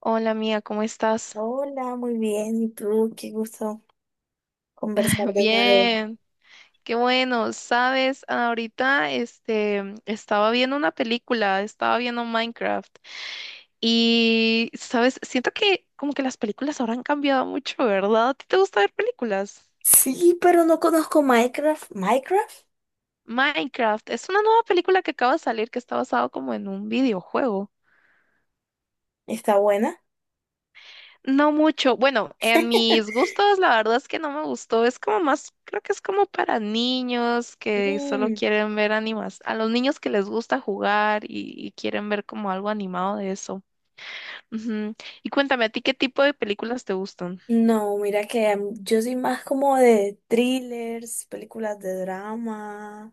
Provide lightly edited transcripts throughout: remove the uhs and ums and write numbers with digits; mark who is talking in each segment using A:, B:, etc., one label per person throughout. A: Hola mía, ¿cómo estás?
B: Hola, muy bien. ¿Y tú? Qué gusto conversar de nuevo.
A: Bien, qué bueno. Sabes, ahorita este estaba viendo una película, estaba viendo Minecraft. Y sabes, siento que como que las películas ahora han cambiado mucho, ¿verdad? ¿A ti te gusta ver películas?
B: Sí, pero no conozco Minecraft. ¿Minecraft?
A: Minecraft es una nueva película que acaba de salir que está basado como en un videojuego.
B: ¿Está buena?
A: No mucho. Bueno, en mis gustos, la verdad es que no me gustó. Es como más, creo que es como para niños que solo
B: Mm,
A: quieren ver animas, a los niños que les gusta jugar y quieren ver como algo animado de eso. Ujú. Y cuéntame, ¿a ti qué tipo de películas te gustan?
B: no, mira que yo soy más como de thrillers, películas de drama,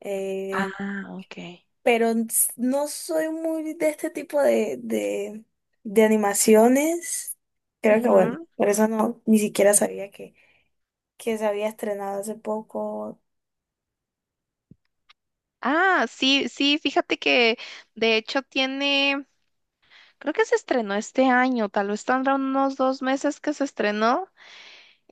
B: eh,
A: Ah, ok.
B: pero no soy muy de este tipo de animaciones. Creo que bueno,
A: Ujú.
B: por eso no, ni siquiera sabía que se había estrenado hace poco.
A: Ah, sí, sí, fíjate que de hecho tiene, creo que se estrenó este año, tal vez tendrá unos 2 meses que se estrenó.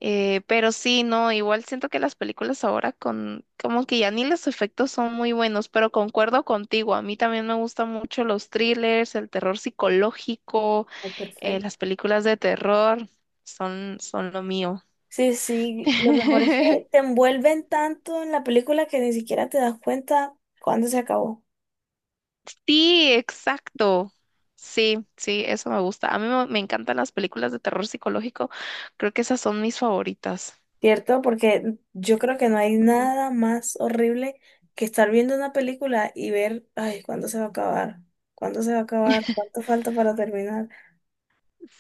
A: Pero sí, no, igual siento que las películas ahora como que ya ni los efectos son muy buenos, pero concuerdo contigo, a mí también me gustan mucho los thrillers, el terror psicológico,
B: Ay, perfecto.
A: las películas de terror son lo mío.
B: Sí, sí, lo mejor es que te envuelven tanto en la película que ni siquiera te das cuenta cuándo se acabó,
A: Sí, exacto. Sí, sí, eso me gusta. A mí me encantan las películas de terror psicológico, creo que esas son mis favoritas.
B: ¿cierto? Porque yo creo que no hay
A: Ujú.
B: nada más horrible que estar viendo una película y ver, ay, ¿cuándo se va a acabar? ¿Cuándo se va a acabar? ¿Cuánto falta para terminar?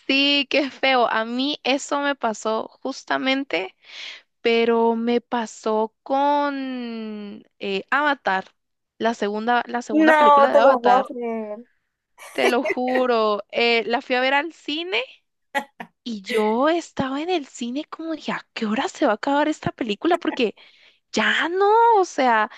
A: Sí, qué feo. A mí eso me pasó justamente. Pero me pasó con Avatar, la segunda
B: No,
A: película de
B: te lo puedo
A: Avatar.
B: creer.
A: Te lo juro, la fui a ver al cine y yo estaba en el cine como dije, ¿a qué hora se va a acabar esta película? Porque ya no, o sea,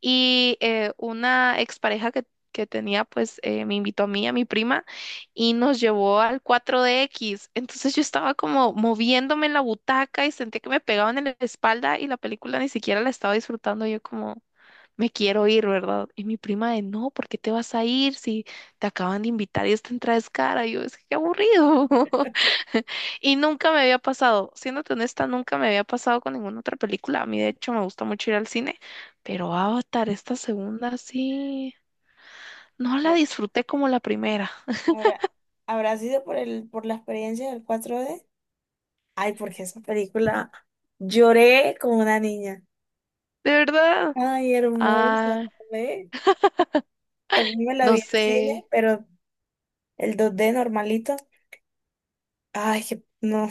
A: y una expareja que tenía, pues me invitó a mí, a mi prima, y nos llevó al 4 X. Entonces yo estaba como moviéndome en la butaca y sentí que me pegaban en la espalda y la película ni siquiera la estaba disfrutando. Yo como, me quiero ir, ¿verdad? Y mi prima de, no, ¿por qué te vas a ir si te acaban de invitar y esta entrada es cara? Y yo, es que qué aburrido. Y nunca me había pasado, siéndote honesta, nunca me había pasado con ninguna otra película. A mí, de hecho, me gusta mucho ir al cine, pero Avatar, esta segunda, sí, no la
B: Bueno,
A: disfruté como la primera,
B: ¿Habrá, habrá sido por la experiencia del 4D. Ay, porque esa película lloré como una niña.
A: de verdad.
B: Ay, hermosa,
A: Ah,
B: ¿ve? También me la vi
A: no
B: en cine,
A: sé,
B: pero el 2D normalito. Ay, que no,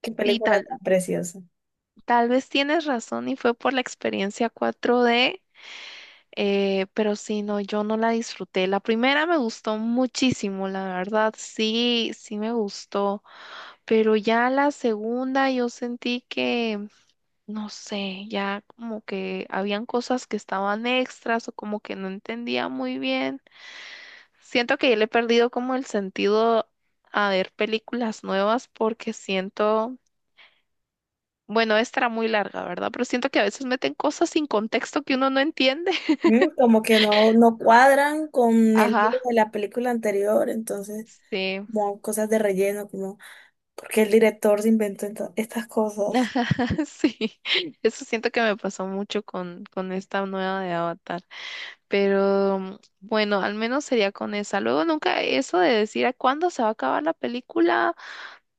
B: qué
A: sí,
B: película
A: tal,
B: tan preciosa.
A: tal vez tienes razón y fue por la experiencia 4D. Pero sí, no, yo no la disfruté. La primera me gustó muchísimo, la verdad, sí, sí me gustó. Pero ya la segunda yo sentí que, no sé, ya como que habían cosas que estaban extras o como que no entendía muy bien. Siento que ya le he perdido como el sentido a ver películas nuevas porque siento, bueno, esta era muy larga, ¿verdad? Pero siento que a veces meten cosas sin contexto que uno no entiende.
B: Como que no cuadran con el libro
A: Ajá,
B: de la película anterior, entonces,
A: sí.
B: como cosas de relleno, como, ¿porque el director se inventó estas cosas?
A: Ajá, sí, eso siento que me pasó mucho con esta nueva de Avatar, pero bueno, al menos sería con esa. Luego nunca eso de decir a cuándo se va a acabar la película,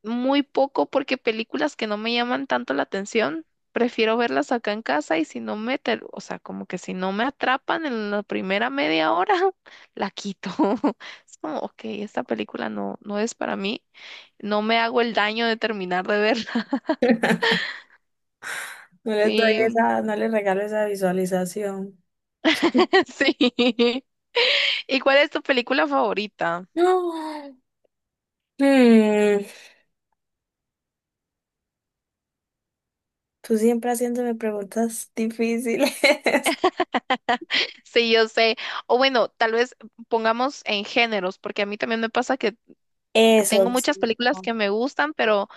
A: muy poco porque películas que no me llaman tanto la atención, prefiero verlas acá en casa y si no me, ter- o sea, como que si no me atrapan en la primera media hora, la quito. Es como, ok, esta película no, no es para mí, no me hago el daño de terminar de verla.
B: No les doy
A: Sí,
B: esa, no les regalo esa visualización.
A: Sí. ¿Y cuál es tu película favorita?
B: No. Mm, tú siempre haciéndome preguntas difíciles.
A: Sí, yo sé. O bueno, tal vez pongamos en géneros, porque a mí también me pasa que
B: Eso
A: tengo muchas
B: sí.
A: películas
B: No.
A: que me gustan, pero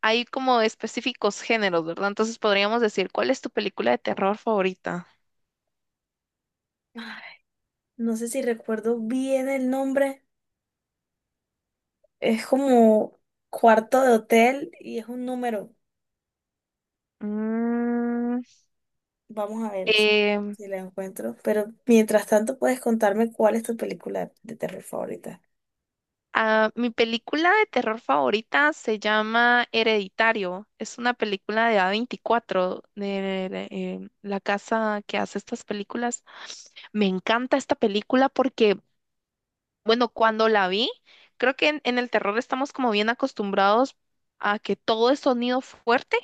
A: hay como específicos géneros, ¿verdad? Entonces podríamos decir, ¿cuál es tu película de terror favorita?
B: Ay, no sé si recuerdo bien el nombre. Es como cuarto de hotel y es un número.
A: Mm,
B: Vamos a ver si,
A: em,
B: si la encuentro. Pero mientras tanto, puedes contarme cuál es tu película de terror favorita.
A: Ah, mi película de terror favorita se llama Hereditario. Es una película de A24, la casa que hace estas películas. Me encanta esta película porque, bueno, cuando la vi, creo que en el terror estamos como bien acostumbrados a que todo es sonido fuerte,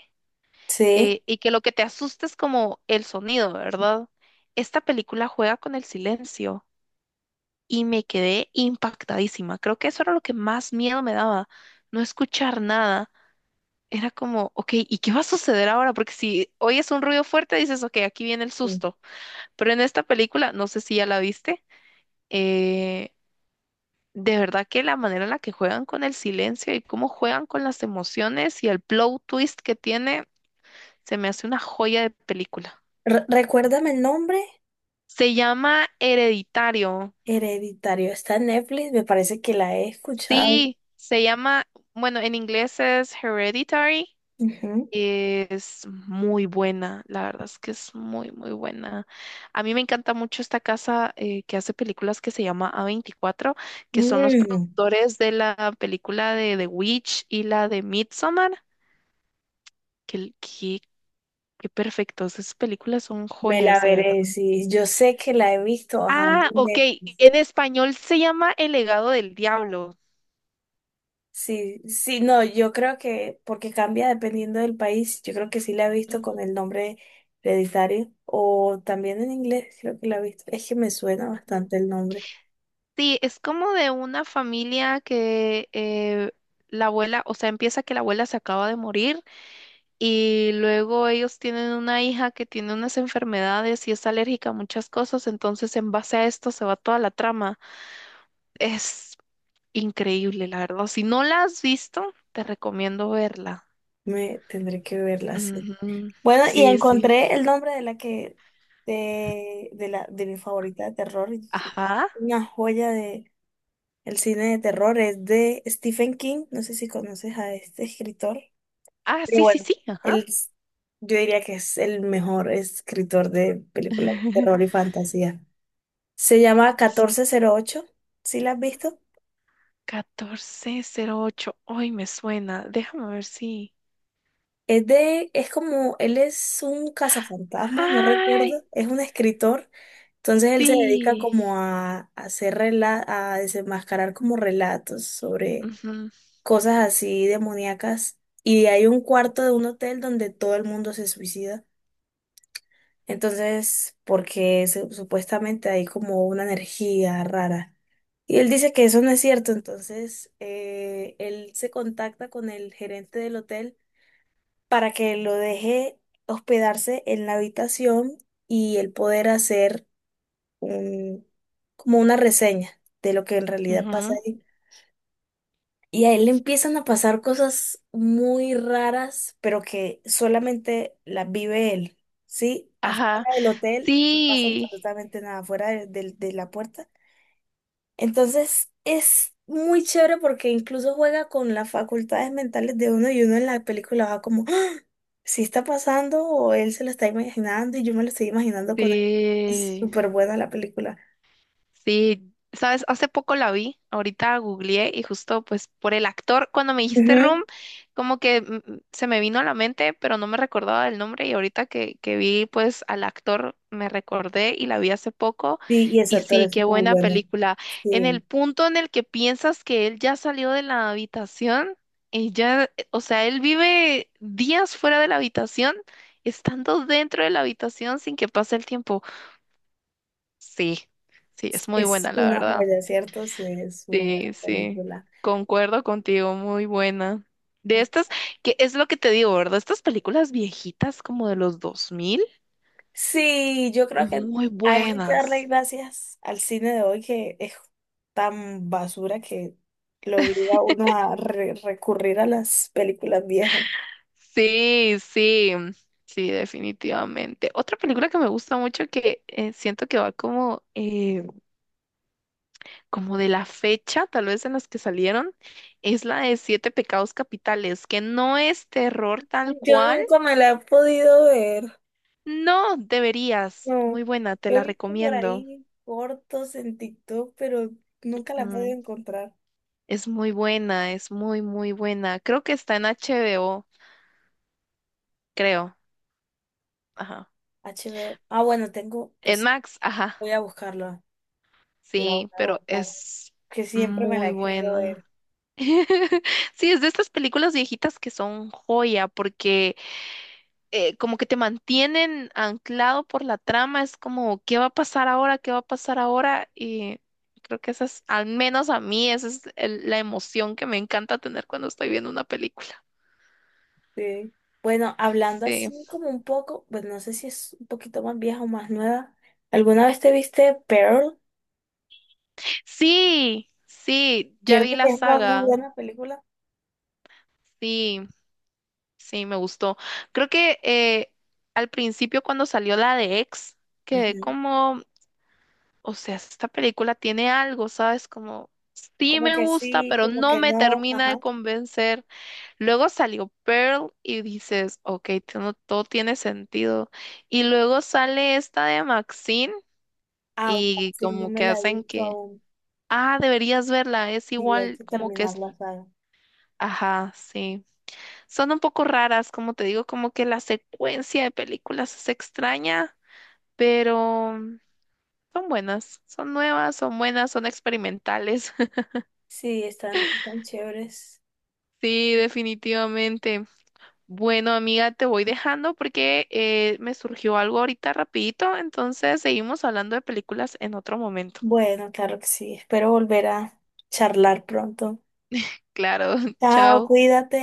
B: Sí.
A: y que lo que te asusta es como el sonido, ¿verdad? Esta película juega con el silencio y me quedé impactadísima. Creo que eso era lo que más miedo me daba, no escuchar nada. Era como, ok, ¿y qué va a suceder ahora? Porque si oyes un ruido fuerte, dices, ok, aquí viene el
B: Mm.
A: susto. Pero en esta película, no sé si ya la viste, eh, de verdad que la manera en la que juegan con el silencio y cómo juegan con las emociones y el plot twist que tiene, se me hace una joya de película.
B: Recuérdame el nombre.
A: Se llama Hereditario.
B: Hereditario. Está en Netflix. Me parece que la he escuchado.
A: Sí, se llama, bueno, en inglés es Hereditary.
B: Ujú.
A: Es muy buena, la verdad es que es muy, muy buena. A mí me encanta mucho esta casa que hace películas que se llama A24, que son los
B: Mm,
A: productores de la película de The Witch y la de Midsommar. Qué, qué, qué perfectos, esas películas son
B: Me
A: joyas,
B: la
A: de
B: veré.
A: verdad.
B: Sí, yo sé que la he visto bajando.
A: Ah, ok, en español se llama El legado del diablo.
B: Sí, sí, no, yo creo que porque cambia dependiendo del país, yo creo que sí la he visto con
A: Ujú,
B: el nombre hereditario o también en inglés, creo que la he visto. Es que me suena
A: ujú.
B: bastante el nombre,
A: Sí, es como de una familia que la abuela, o sea, empieza que la abuela se acaba de morir. Y luego ellos tienen una hija que tiene unas enfermedades y es alérgica a muchas cosas, entonces en base a esto se va toda la trama. Es increíble, la verdad. Si no la has visto, te recomiendo verla.
B: me tendré que verla así.
A: Ujú.
B: Bueno, y
A: Sí, sí.
B: encontré el nombre de la que de la de mi favorita de terror, y sí, es
A: Ajá.
B: una joya de el cine de terror, es de Stephen King, no sé si conoces a este escritor.
A: Ah,
B: Pero
A: sí, sí,
B: bueno,
A: sí. Ajá.
B: él, yo diría que es el mejor escritor de películas de terror y fantasía. Se llama 1408, ¿sí la has visto?
A: 1408. Ay, me suena. Déjame ver si.
B: Es de, es como, él es un cazafantasmas, no recuerdo,
A: Ay,
B: es un escritor, entonces él se dedica
A: sí.
B: como a hacer a desenmascarar como relatos sobre
A: Ujú,
B: cosas así demoníacas. Y hay un cuarto de un hotel donde todo el mundo se suicida. Entonces, porque supuestamente hay como una energía rara. Y él dice que eso no es cierto, entonces él se contacta con el gerente del hotel para que lo deje hospedarse en la habitación y él poder hacer un, como una reseña de lo que en realidad pasa
A: ujú.
B: ahí. Y a él le empiezan a pasar cosas muy raras, pero que solamente las vive él, ¿sí?
A: Ajá.
B: Afuera del hotel no pasa
A: Sí.
B: absolutamente nada, afuera de la puerta. Entonces es muy chévere porque incluso juega con las facultades mentales de uno y uno en la película va como, ¡ah! ¿Sí está pasando o él se lo está imaginando y yo me lo estoy imaginando con él? Es
A: Sí,
B: súper buena la película.
A: sí, sabes, hace poco la vi, ahorita googleé y justo pues por el actor, cuando me dijiste
B: Ujú.
A: Room, como que se me vino a la mente, pero no me recordaba el nombre y ahorita que vi pues al actor me recordé y la vi hace poco
B: Sí, y ese
A: y
B: actor
A: sí,
B: es
A: qué
B: muy
A: buena
B: bueno.
A: película. En el
B: Sí.
A: punto en el que piensas que él ya salió de la habitación, y ya, o sea, él vive días fuera de la habitación, estando dentro de la habitación sin que pase el tiempo. Sí, sí, es muy
B: Es
A: buena, la
B: una
A: verdad.
B: joya, ¿cierto? Sí, es una buena
A: Sí, sí,
B: película.
A: concuerdo contigo, muy buena. De estas, que es lo que te digo, ¿verdad? Estas películas viejitas como de los 2000,
B: Sí, yo creo que
A: muy
B: hay que darle
A: buenas.
B: gracias al cine de hoy que es tan basura que lo obliga a uno a recurrir a las películas viejas.
A: Sí, sí, sí, definitivamente. Otra película que me gusta mucho que siento que va como, como de la fecha, tal vez en las que salieron, es la de Siete Pecados Capitales, que no es terror tal
B: Yo
A: cual.
B: nunca me la he podido ver.
A: No, deberías.
B: No,
A: Muy buena, te
B: he
A: la
B: visto por
A: recomiendo.
B: ahí cortos en TikTok, pero nunca la he podido
A: Mm,
B: encontrar.
A: Es muy buena, es muy, muy buena. Creo que está en HBO, creo. Ajá.
B: HBO. Ah, bueno, tengo,
A: En
B: pues
A: Max, ajá.
B: voy a buscarla. La voy
A: Sí,
B: a
A: pero
B: buscar,
A: es
B: que siempre me la
A: muy
B: he querido
A: buena.
B: ver.
A: Sí, es de estas películas viejitas que son joya, porque como que te mantienen anclado por la trama, es como, ¿qué va a pasar ahora? ¿Qué va a pasar ahora? Y creo que esa es, al menos a mí, esa es la emoción que me encanta tener cuando estoy viendo una película.
B: Sí. Bueno, hablando
A: Sí,
B: así como un poco, pues no sé si es un poquito más vieja o más nueva. ¿Alguna vez te viste Pearl?
A: sí, sí, ya vi
B: ¿Cierto que
A: la
B: es una muy
A: saga,
B: buena película?
A: sí, sí, me gustó. Creo que al principio cuando salió la de X, quedé
B: Ujú.
A: como... O sea, esta película tiene algo, ¿sabes? Como sí
B: Como
A: me
B: que
A: gusta,
B: sí,
A: pero
B: como
A: no
B: que
A: me
B: no.
A: termina
B: Ajá.
A: de convencer. Luego salió Pearl y dices, ok, todo tiene sentido. Y luego sale esta de Maxine
B: Ah, ok,
A: y
B: sí, no
A: como
B: me
A: que
B: la he
A: hacen
B: visto
A: que,
B: aún.
A: ah, deberías verla, es
B: Sí, hay
A: igual,
B: que
A: como que
B: terminar
A: es,
B: la saga.
A: ajá, sí. Son un poco raras, como te digo, como que la secuencia de películas es extraña, pero son buenas, son nuevas, son buenas, son experimentales.
B: Sí, están tan chéveres.
A: Sí, definitivamente. Bueno, amiga, te voy dejando porque me surgió algo ahorita rapidito, entonces seguimos hablando de películas en otro momento.
B: Bueno, claro que sí. Espero volver a charlar pronto.
A: Claro,
B: Chao,
A: chao.
B: cuídate.